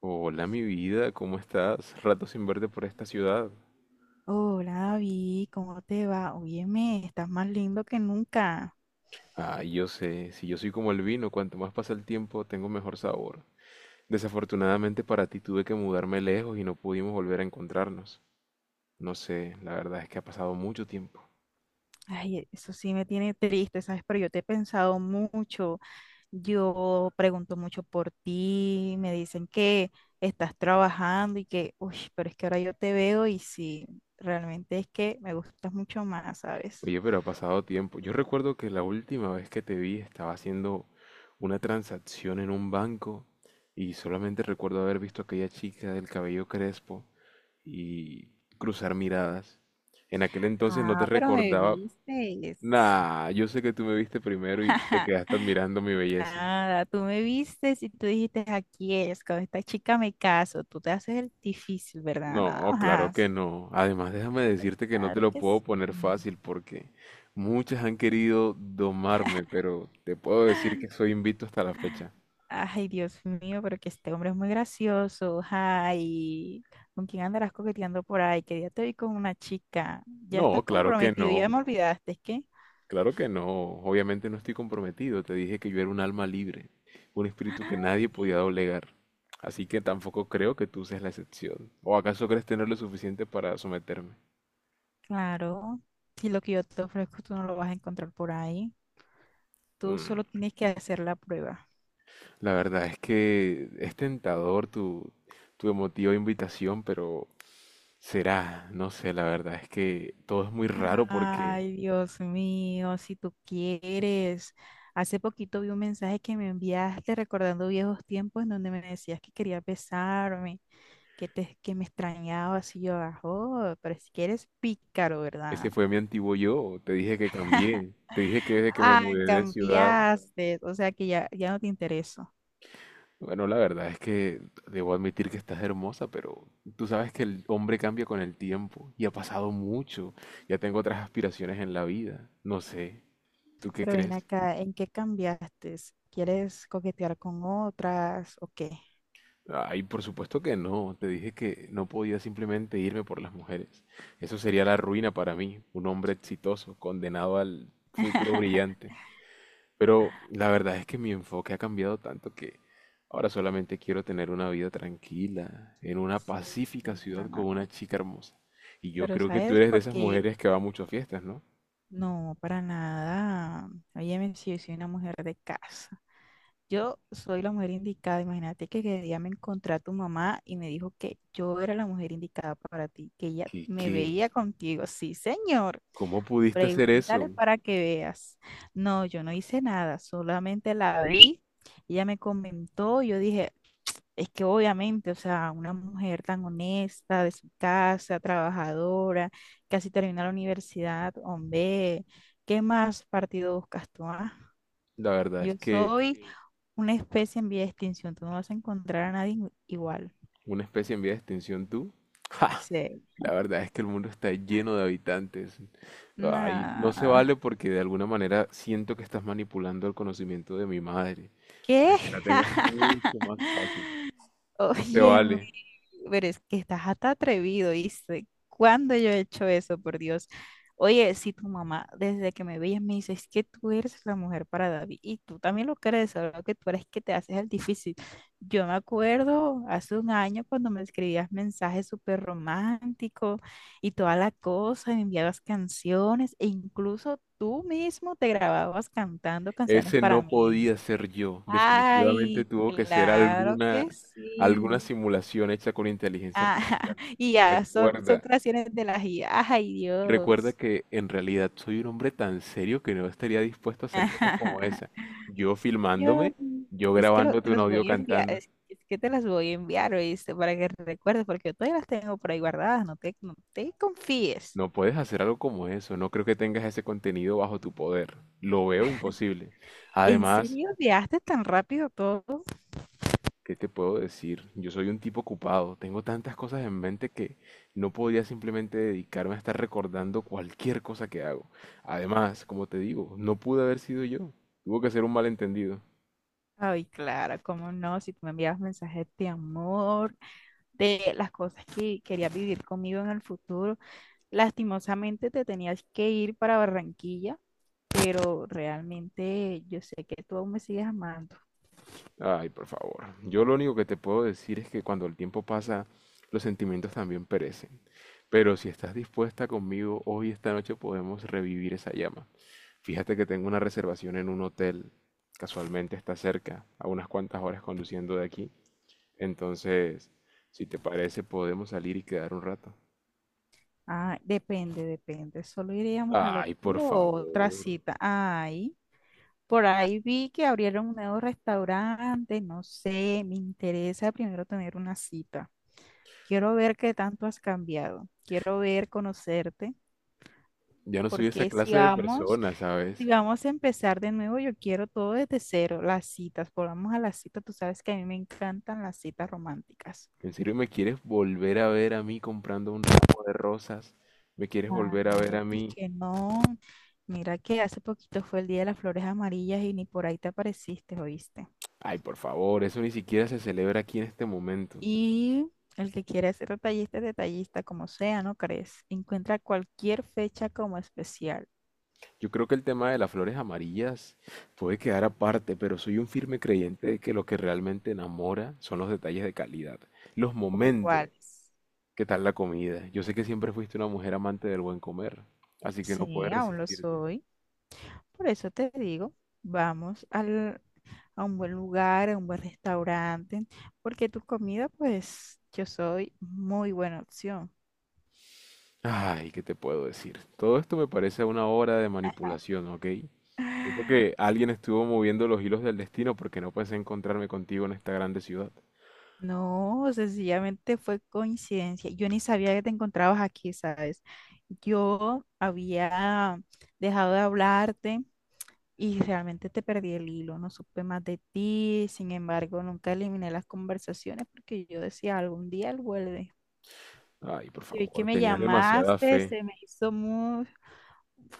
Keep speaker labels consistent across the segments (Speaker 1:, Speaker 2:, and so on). Speaker 1: Hola, mi vida, ¿cómo estás? Rato sin verte por esta ciudad.
Speaker 2: Hola, David, ¿cómo te va? Óyeme, estás más lindo que nunca.
Speaker 1: Ah, yo sé, si yo soy como el vino, cuanto más pasa el tiempo, tengo mejor sabor. Desafortunadamente para ti tuve que mudarme lejos y no pudimos volver a encontrarnos. No sé, la verdad es que ha pasado mucho tiempo.
Speaker 2: Ay, eso sí me tiene triste, ¿sabes? Pero yo te he pensado mucho. Yo pregunto mucho por ti, me dicen que estás trabajando y que, uy, pero es que ahora yo te veo y sí, realmente es que me gustas mucho más, ¿sabes?
Speaker 1: Oye, pero ha pasado tiempo. Yo recuerdo que la última vez que te vi estaba haciendo una transacción en un banco y solamente recuerdo haber visto a aquella chica del cabello crespo y cruzar miradas. En aquel entonces no te
Speaker 2: Ah, pero me
Speaker 1: recordaba.
Speaker 2: viste.
Speaker 1: Nah, yo sé que tú me viste primero y te quedaste admirando mi belleza.
Speaker 2: Nada, tú me vistes y tú dijiste, aquí es, con esta chica me caso, tú te haces el difícil, ¿verdad? Nada
Speaker 1: No, claro que
Speaker 2: más.
Speaker 1: no. Además, déjame decirte que no te
Speaker 2: Claro
Speaker 1: lo
Speaker 2: que
Speaker 1: puedo poner
Speaker 2: sí.
Speaker 1: fácil porque muchas han querido domarme, pero te puedo decir que soy invicto hasta la fecha.
Speaker 2: Ay, Dios mío, pero que este hombre es muy gracioso. Ay, ¿con quién andarás coqueteando por ahí? Que ya te vi con una chica. Ya estás
Speaker 1: No, claro que
Speaker 2: comprometido, ya
Speaker 1: no,
Speaker 2: me olvidaste, ¿qué?
Speaker 1: claro que no. Obviamente no estoy comprometido. Te dije que yo era un alma libre, un espíritu que nadie podía doblegar. Así que tampoco creo que tú seas la excepción. ¿O acaso crees tener lo suficiente para someterme?
Speaker 2: Claro, si lo que yo te ofrezco tú no lo vas a encontrar por ahí. Tú
Speaker 1: Mm,
Speaker 2: solo tienes que hacer la prueba.
Speaker 1: La verdad es que es tentador tu emotiva invitación, pero será, no sé, la verdad es que todo es muy raro porque
Speaker 2: Ay, Dios mío, si tú quieres. Hace poquito vi un mensaje que me enviaste recordando viejos tiempos en donde me decías que querías besarme, que me extrañabas y yo, ah, oh, pero si quieres pícaro,
Speaker 1: ese
Speaker 2: ¿verdad?
Speaker 1: fue mi antiguo yo. Te dije que cambié, te dije que desde que me
Speaker 2: Ah,
Speaker 1: mudé de ciudad.
Speaker 2: cambiaste, o sea que ya, ya no te intereso.
Speaker 1: Bueno, la verdad es que debo admitir que estás hermosa, pero tú sabes que el hombre cambia con el tiempo y ha pasado mucho. Ya tengo otras aspiraciones en la vida. No sé, ¿tú qué
Speaker 2: Pero ven
Speaker 1: crees?
Speaker 2: acá, ¿en qué cambiaste? ¿Quieres coquetear con otras o qué?
Speaker 1: Ay, por supuesto que no. Te dije que no podía simplemente irme por las mujeres. Eso sería la ruina para mí, un hombre exitoso, condenado al futuro brillante. Pero la verdad es que mi enfoque ha cambiado tanto que ahora solamente quiero tener una vida tranquila, en una
Speaker 2: Sí.
Speaker 1: pacífica ciudad con
Speaker 2: Ah,
Speaker 1: una chica hermosa. Y yo
Speaker 2: pero
Speaker 1: creo que tú
Speaker 2: ¿sabes
Speaker 1: eres de
Speaker 2: por
Speaker 1: esas
Speaker 2: qué?
Speaker 1: mujeres que va mucho a fiestas, ¿no?
Speaker 2: No, para nada. Óyeme, si yo soy una mujer de casa. Yo soy la mujer indicada. Imagínate que el día me encontré a tu mamá y me dijo que yo era la mujer indicada para ti, que ella me
Speaker 1: Qué?
Speaker 2: veía contigo. Sí, señor.
Speaker 1: ¿Cómo pudiste hacer
Speaker 2: Pregúntale
Speaker 1: eso?
Speaker 2: para que veas. No, yo no hice nada, solamente la vi. Ella me comentó, yo dije, es que obviamente, o sea, una mujer tan honesta, de su casa, trabajadora, casi termina la universidad, hombre, ¿qué más partido buscas tú? ¿Ah?
Speaker 1: La verdad
Speaker 2: Yo
Speaker 1: es que
Speaker 2: soy, sí, una especie en vía de extinción, tú no vas a encontrar a nadie igual.
Speaker 1: una especie en vía de extinción tú. ¡Ja!
Speaker 2: Sí.
Speaker 1: La verdad es que el mundo está lleno de habitantes. Ay, no se
Speaker 2: Nah.
Speaker 1: vale porque de alguna manera siento que estás manipulando el conocimiento de mi madre para
Speaker 2: ¿Qué?
Speaker 1: que la tengas mucho más fácil. No se
Speaker 2: Oye,
Speaker 1: vale.
Speaker 2: pero es que estás hasta atrevido, ¿viste? ¿Cuándo yo he hecho eso, por Dios? Oye, si tu mamá desde que me veías me dice, es que tú eres la mujer para David y tú también lo crees, solo que tú eres que te haces el difícil. Yo me acuerdo hace un año cuando me escribías mensajes súper románticos y toda la cosa, y me enviabas canciones e incluso tú mismo te grababas cantando canciones
Speaker 1: Ese
Speaker 2: para
Speaker 1: no
Speaker 2: mí.
Speaker 1: podía ser yo. Definitivamente
Speaker 2: Ay,
Speaker 1: tuvo que ser
Speaker 2: claro que
Speaker 1: alguna
Speaker 2: sí.
Speaker 1: simulación hecha con inteligencia
Speaker 2: Ah,
Speaker 1: artificial.
Speaker 2: y ya, son
Speaker 1: Recuerda,
Speaker 2: creaciones de las IA. Ay,
Speaker 1: recuerda
Speaker 2: Dios.
Speaker 1: que en realidad soy un hombre tan serio que no estaría dispuesto a hacer cosas como esa. Yo
Speaker 2: Yo
Speaker 1: filmándome, yo
Speaker 2: es que
Speaker 1: grabándote
Speaker 2: te
Speaker 1: un
Speaker 2: los
Speaker 1: audio
Speaker 2: voy a enviar,
Speaker 1: cantando.
Speaker 2: es que te las voy a enviar, ¿oíste? Para que recuerdes, porque yo todavía las tengo por ahí guardadas, no te confíes.
Speaker 1: No puedes hacer algo como eso. No creo que tengas ese contenido bajo tu poder. Lo veo imposible.
Speaker 2: ¿En
Speaker 1: Además,
Speaker 2: serio enviaste tan rápido todo?
Speaker 1: ¿qué te puedo decir? Yo soy un tipo ocupado, tengo tantas cosas en mente que no podía simplemente dedicarme a estar recordando cualquier cosa que hago. Además, como te digo, no pude haber sido yo. Tuvo que ser un malentendido.
Speaker 2: Ay, claro, cómo no, si tú me enviabas mensajes de amor, de las cosas que querías vivir conmigo en el futuro. Lastimosamente te tenías que ir para Barranquilla, pero realmente yo sé que tú aún me sigues amando.
Speaker 1: Ay, por favor. Yo lo único que te puedo decir es que cuando el tiempo pasa, los sentimientos también perecen. Pero si estás dispuesta conmigo, hoy esta noche podemos revivir esa llama. Fíjate que tengo una reservación en un hotel. Casualmente está cerca, a unas cuantas horas conduciendo de aquí. Entonces, si te parece, podemos salir y quedar un rato.
Speaker 2: Ah, depende, depende. ¿Solo iríamos al
Speaker 1: Ay,
Speaker 2: hotel
Speaker 1: por
Speaker 2: o otra
Speaker 1: favor.
Speaker 2: cita? Ay, por ahí vi que abrieron un nuevo restaurante, no sé, me interesa primero tener una cita. Quiero ver qué tanto has cambiado. Quiero ver, conocerte,
Speaker 1: Ya no soy esa
Speaker 2: porque
Speaker 1: clase de persona,
Speaker 2: si
Speaker 1: ¿sabes?
Speaker 2: vamos a empezar de nuevo, yo quiero todo desde cero, las citas. Volvamos a las citas, tú sabes que a mí me encantan las citas románticas.
Speaker 1: ¿En serio me quieres volver a ver a mí comprando un ramo de rosas? ¿Me quieres volver a ver
Speaker 2: Claro,
Speaker 1: a mí?
Speaker 2: porque no? Mira que hace poquito fue el Día de las Flores Amarillas y ni por ahí te apareciste, ¿oíste?
Speaker 1: Ay, por favor, eso ni siquiera se celebra aquí en este momento.
Speaker 2: Y el que quiera ser detallista es detallista, como sea, ¿no crees? Encuentra cualquier fecha como especial,
Speaker 1: Yo creo que el tema de las flores amarillas puede quedar aparte, pero soy un firme creyente de que lo que realmente enamora son los detalles de calidad, los
Speaker 2: ¿como
Speaker 1: momentos.
Speaker 2: cuáles?
Speaker 1: ¿Qué tal la comida? Yo sé que siempre fuiste una mujer amante del buen comer, así que no
Speaker 2: Sí,
Speaker 1: puedes
Speaker 2: aún lo
Speaker 1: resistirte.
Speaker 2: soy. Por eso te digo, vamos al, a un buen lugar, a un buen restaurante, porque tu comida, pues, yo soy muy buena opción.
Speaker 1: Ay, ¿qué te puedo decir? Todo esto me parece una obra de manipulación, ¿ok? Siento que alguien estuvo moviendo los hilos del destino porque no pensé encontrarme contigo en esta grande ciudad.
Speaker 2: No, sencillamente fue coincidencia. Yo ni sabía que te encontrabas aquí, ¿sabes? Yo había dejado de hablarte y realmente te perdí el hilo, no supe más de ti, sin embargo, nunca eliminé las conversaciones porque yo decía, algún día él vuelve.
Speaker 1: Ay, por
Speaker 2: Y hoy que
Speaker 1: favor,
Speaker 2: me
Speaker 1: tenías demasiada
Speaker 2: llamaste,
Speaker 1: fe.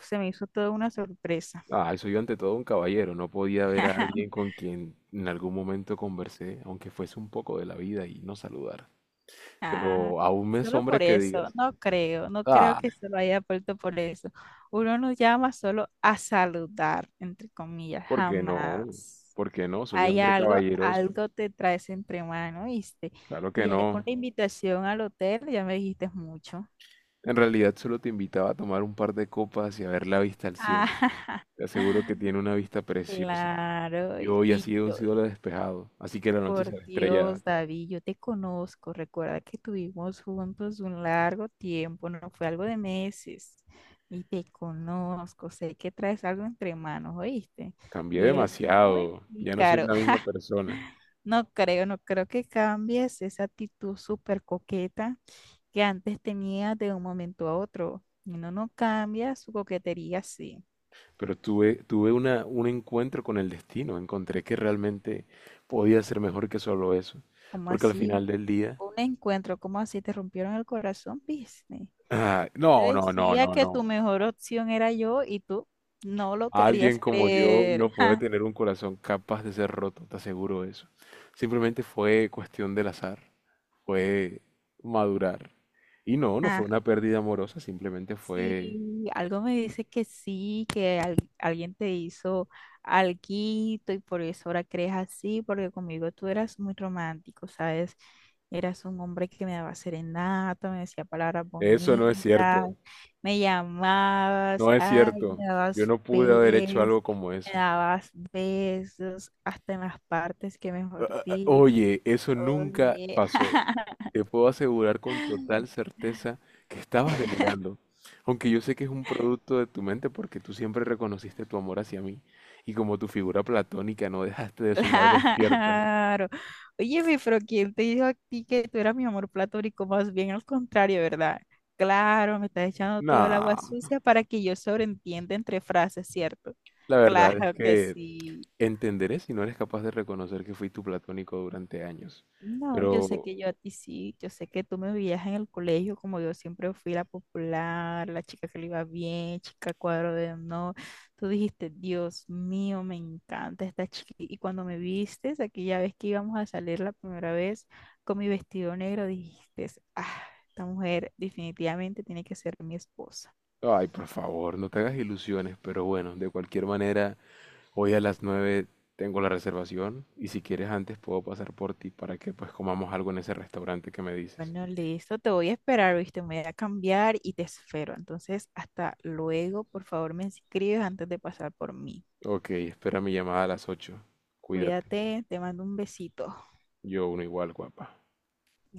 Speaker 2: se me hizo toda una sorpresa.
Speaker 1: Ay, soy ante todo un caballero, no podía ver a alguien con quien en algún momento conversé, aunque fuese un poco de la vida y no saludar.
Speaker 2: Ah,
Speaker 1: Pero aún me
Speaker 2: solo
Speaker 1: asombra
Speaker 2: por
Speaker 1: que
Speaker 2: eso,
Speaker 1: digas,
Speaker 2: no creo
Speaker 1: "Ah,
Speaker 2: que se lo haya puesto por eso. Uno nos llama solo a saludar, entre comillas,
Speaker 1: ¿por qué no?
Speaker 2: jamás.
Speaker 1: ¿Por qué no? Soy un
Speaker 2: Hay
Speaker 1: hombre caballeroso.
Speaker 2: algo te traes entre mano, ¿viste?
Speaker 1: Claro
Speaker 2: Y
Speaker 1: que
Speaker 2: ya
Speaker 1: no.
Speaker 2: con la invitación al hotel ya me dijiste mucho.
Speaker 1: En realidad solo te invitaba a tomar un par de copas y a ver la vista al cielo. Te aseguro que
Speaker 2: Ah,
Speaker 1: tiene una vista preciosa.
Speaker 2: claro,
Speaker 1: Y hoy ha
Speaker 2: y
Speaker 1: sido un
Speaker 2: yo,
Speaker 1: cielo despejado, así que la noche
Speaker 2: por
Speaker 1: será estrellada.
Speaker 2: Dios, David, yo te conozco. Recuerda que tuvimos juntos un largo tiempo, no fue algo de meses. Y te conozco, sé que traes algo entre manos, ¿oíste?
Speaker 1: Cambié
Speaker 2: Y eres muy
Speaker 1: demasiado, ya no soy
Speaker 2: pícaro.
Speaker 1: la misma persona.
Speaker 2: No creo que cambies esa actitud súper coqueta que antes tenías de un momento a otro. No, no cambias su coquetería así.
Speaker 1: Pero un encuentro con el destino. Encontré que realmente podía ser mejor que solo eso.
Speaker 2: Como
Speaker 1: Porque al
Speaker 2: así
Speaker 1: final del día...
Speaker 2: un encuentro, como así te rompieron el corazón, ¿viste?
Speaker 1: Ah,
Speaker 2: Te decía que tu
Speaker 1: no.
Speaker 2: mejor opción era yo y tú no lo
Speaker 1: Alguien
Speaker 2: querías
Speaker 1: como yo
Speaker 2: creer.
Speaker 1: no puede
Speaker 2: Ja,
Speaker 1: tener un corazón capaz de ser roto, te aseguro eso. Simplemente fue cuestión del azar, fue madurar. Y no, no fue
Speaker 2: ja.
Speaker 1: una pérdida amorosa, simplemente fue...
Speaker 2: Sí, algo me dice que sí, que alguien te hizo alguito y por eso ahora crees así, porque conmigo tú eras muy romántico, ¿sabes? Eras un hombre que me daba serenata, me decía palabras
Speaker 1: Eso no es
Speaker 2: bonitas,
Speaker 1: cierto,
Speaker 2: me llamabas,
Speaker 1: no es
Speaker 2: ay,
Speaker 1: cierto. Yo no pude haber hecho algo como
Speaker 2: me
Speaker 1: eso.
Speaker 2: dabas besos hasta en las partes que mejor digo.
Speaker 1: Oye, eso nunca
Speaker 2: Oye,
Speaker 1: pasó. Te puedo asegurar con total certeza que estabas delirando. Aunque yo sé que es un producto de tu mente porque tú siempre reconociste tu amor hacia mí. Y como tu figura platónica no dejaste de soñar despierta.
Speaker 2: claro. Óyeme, pero ¿quién te dijo a ti que tú eras mi amor platónico? Más bien al contrario, ¿verdad? Claro, me estás echando todo el agua
Speaker 1: No,
Speaker 2: sucia para que yo sobreentienda entre frases, ¿cierto?
Speaker 1: la verdad es
Speaker 2: Claro que
Speaker 1: que
Speaker 2: sí.
Speaker 1: entenderé si no eres capaz de reconocer que fui tu platónico durante años.
Speaker 2: No, yo sé
Speaker 1: Pero,
Speaker 2: que yo a ti sí, yo sé que tú me veías en el colegio como yo siempre fui la popular, la chica que le iba bien, chica cuadro de honor. Tú dijiste, Dios mío, me encanta esta chica. Y cuando me vistes, aquella vez que íbamos a salir la primera vez con mi vestido negro, dijiste, ah, esta mujer definitivamente tiene que ser mi esposa.
Speaker 1: ay, por favor, no te hagas ilusiones. Pero bueno, de cualquier manera... Hoy a las 9 tengo la reservación y si quieres antes puedo pasar por ti para que pues comamos algo en ese restaurante que me dices.
Speaker 2: Bueno, listo, te voy a esperar, ¿viste? Me voy a cambiar y te espero. Entonces, hasta luego, por favor, me escribes antes de pasar por mí.
Speaker 1: Ok, espera mi llamada a las 8. Cuídate.
Speaker 2: Cuídate, te mando un besito.
Speaker 1: Yo uno igual, guapa.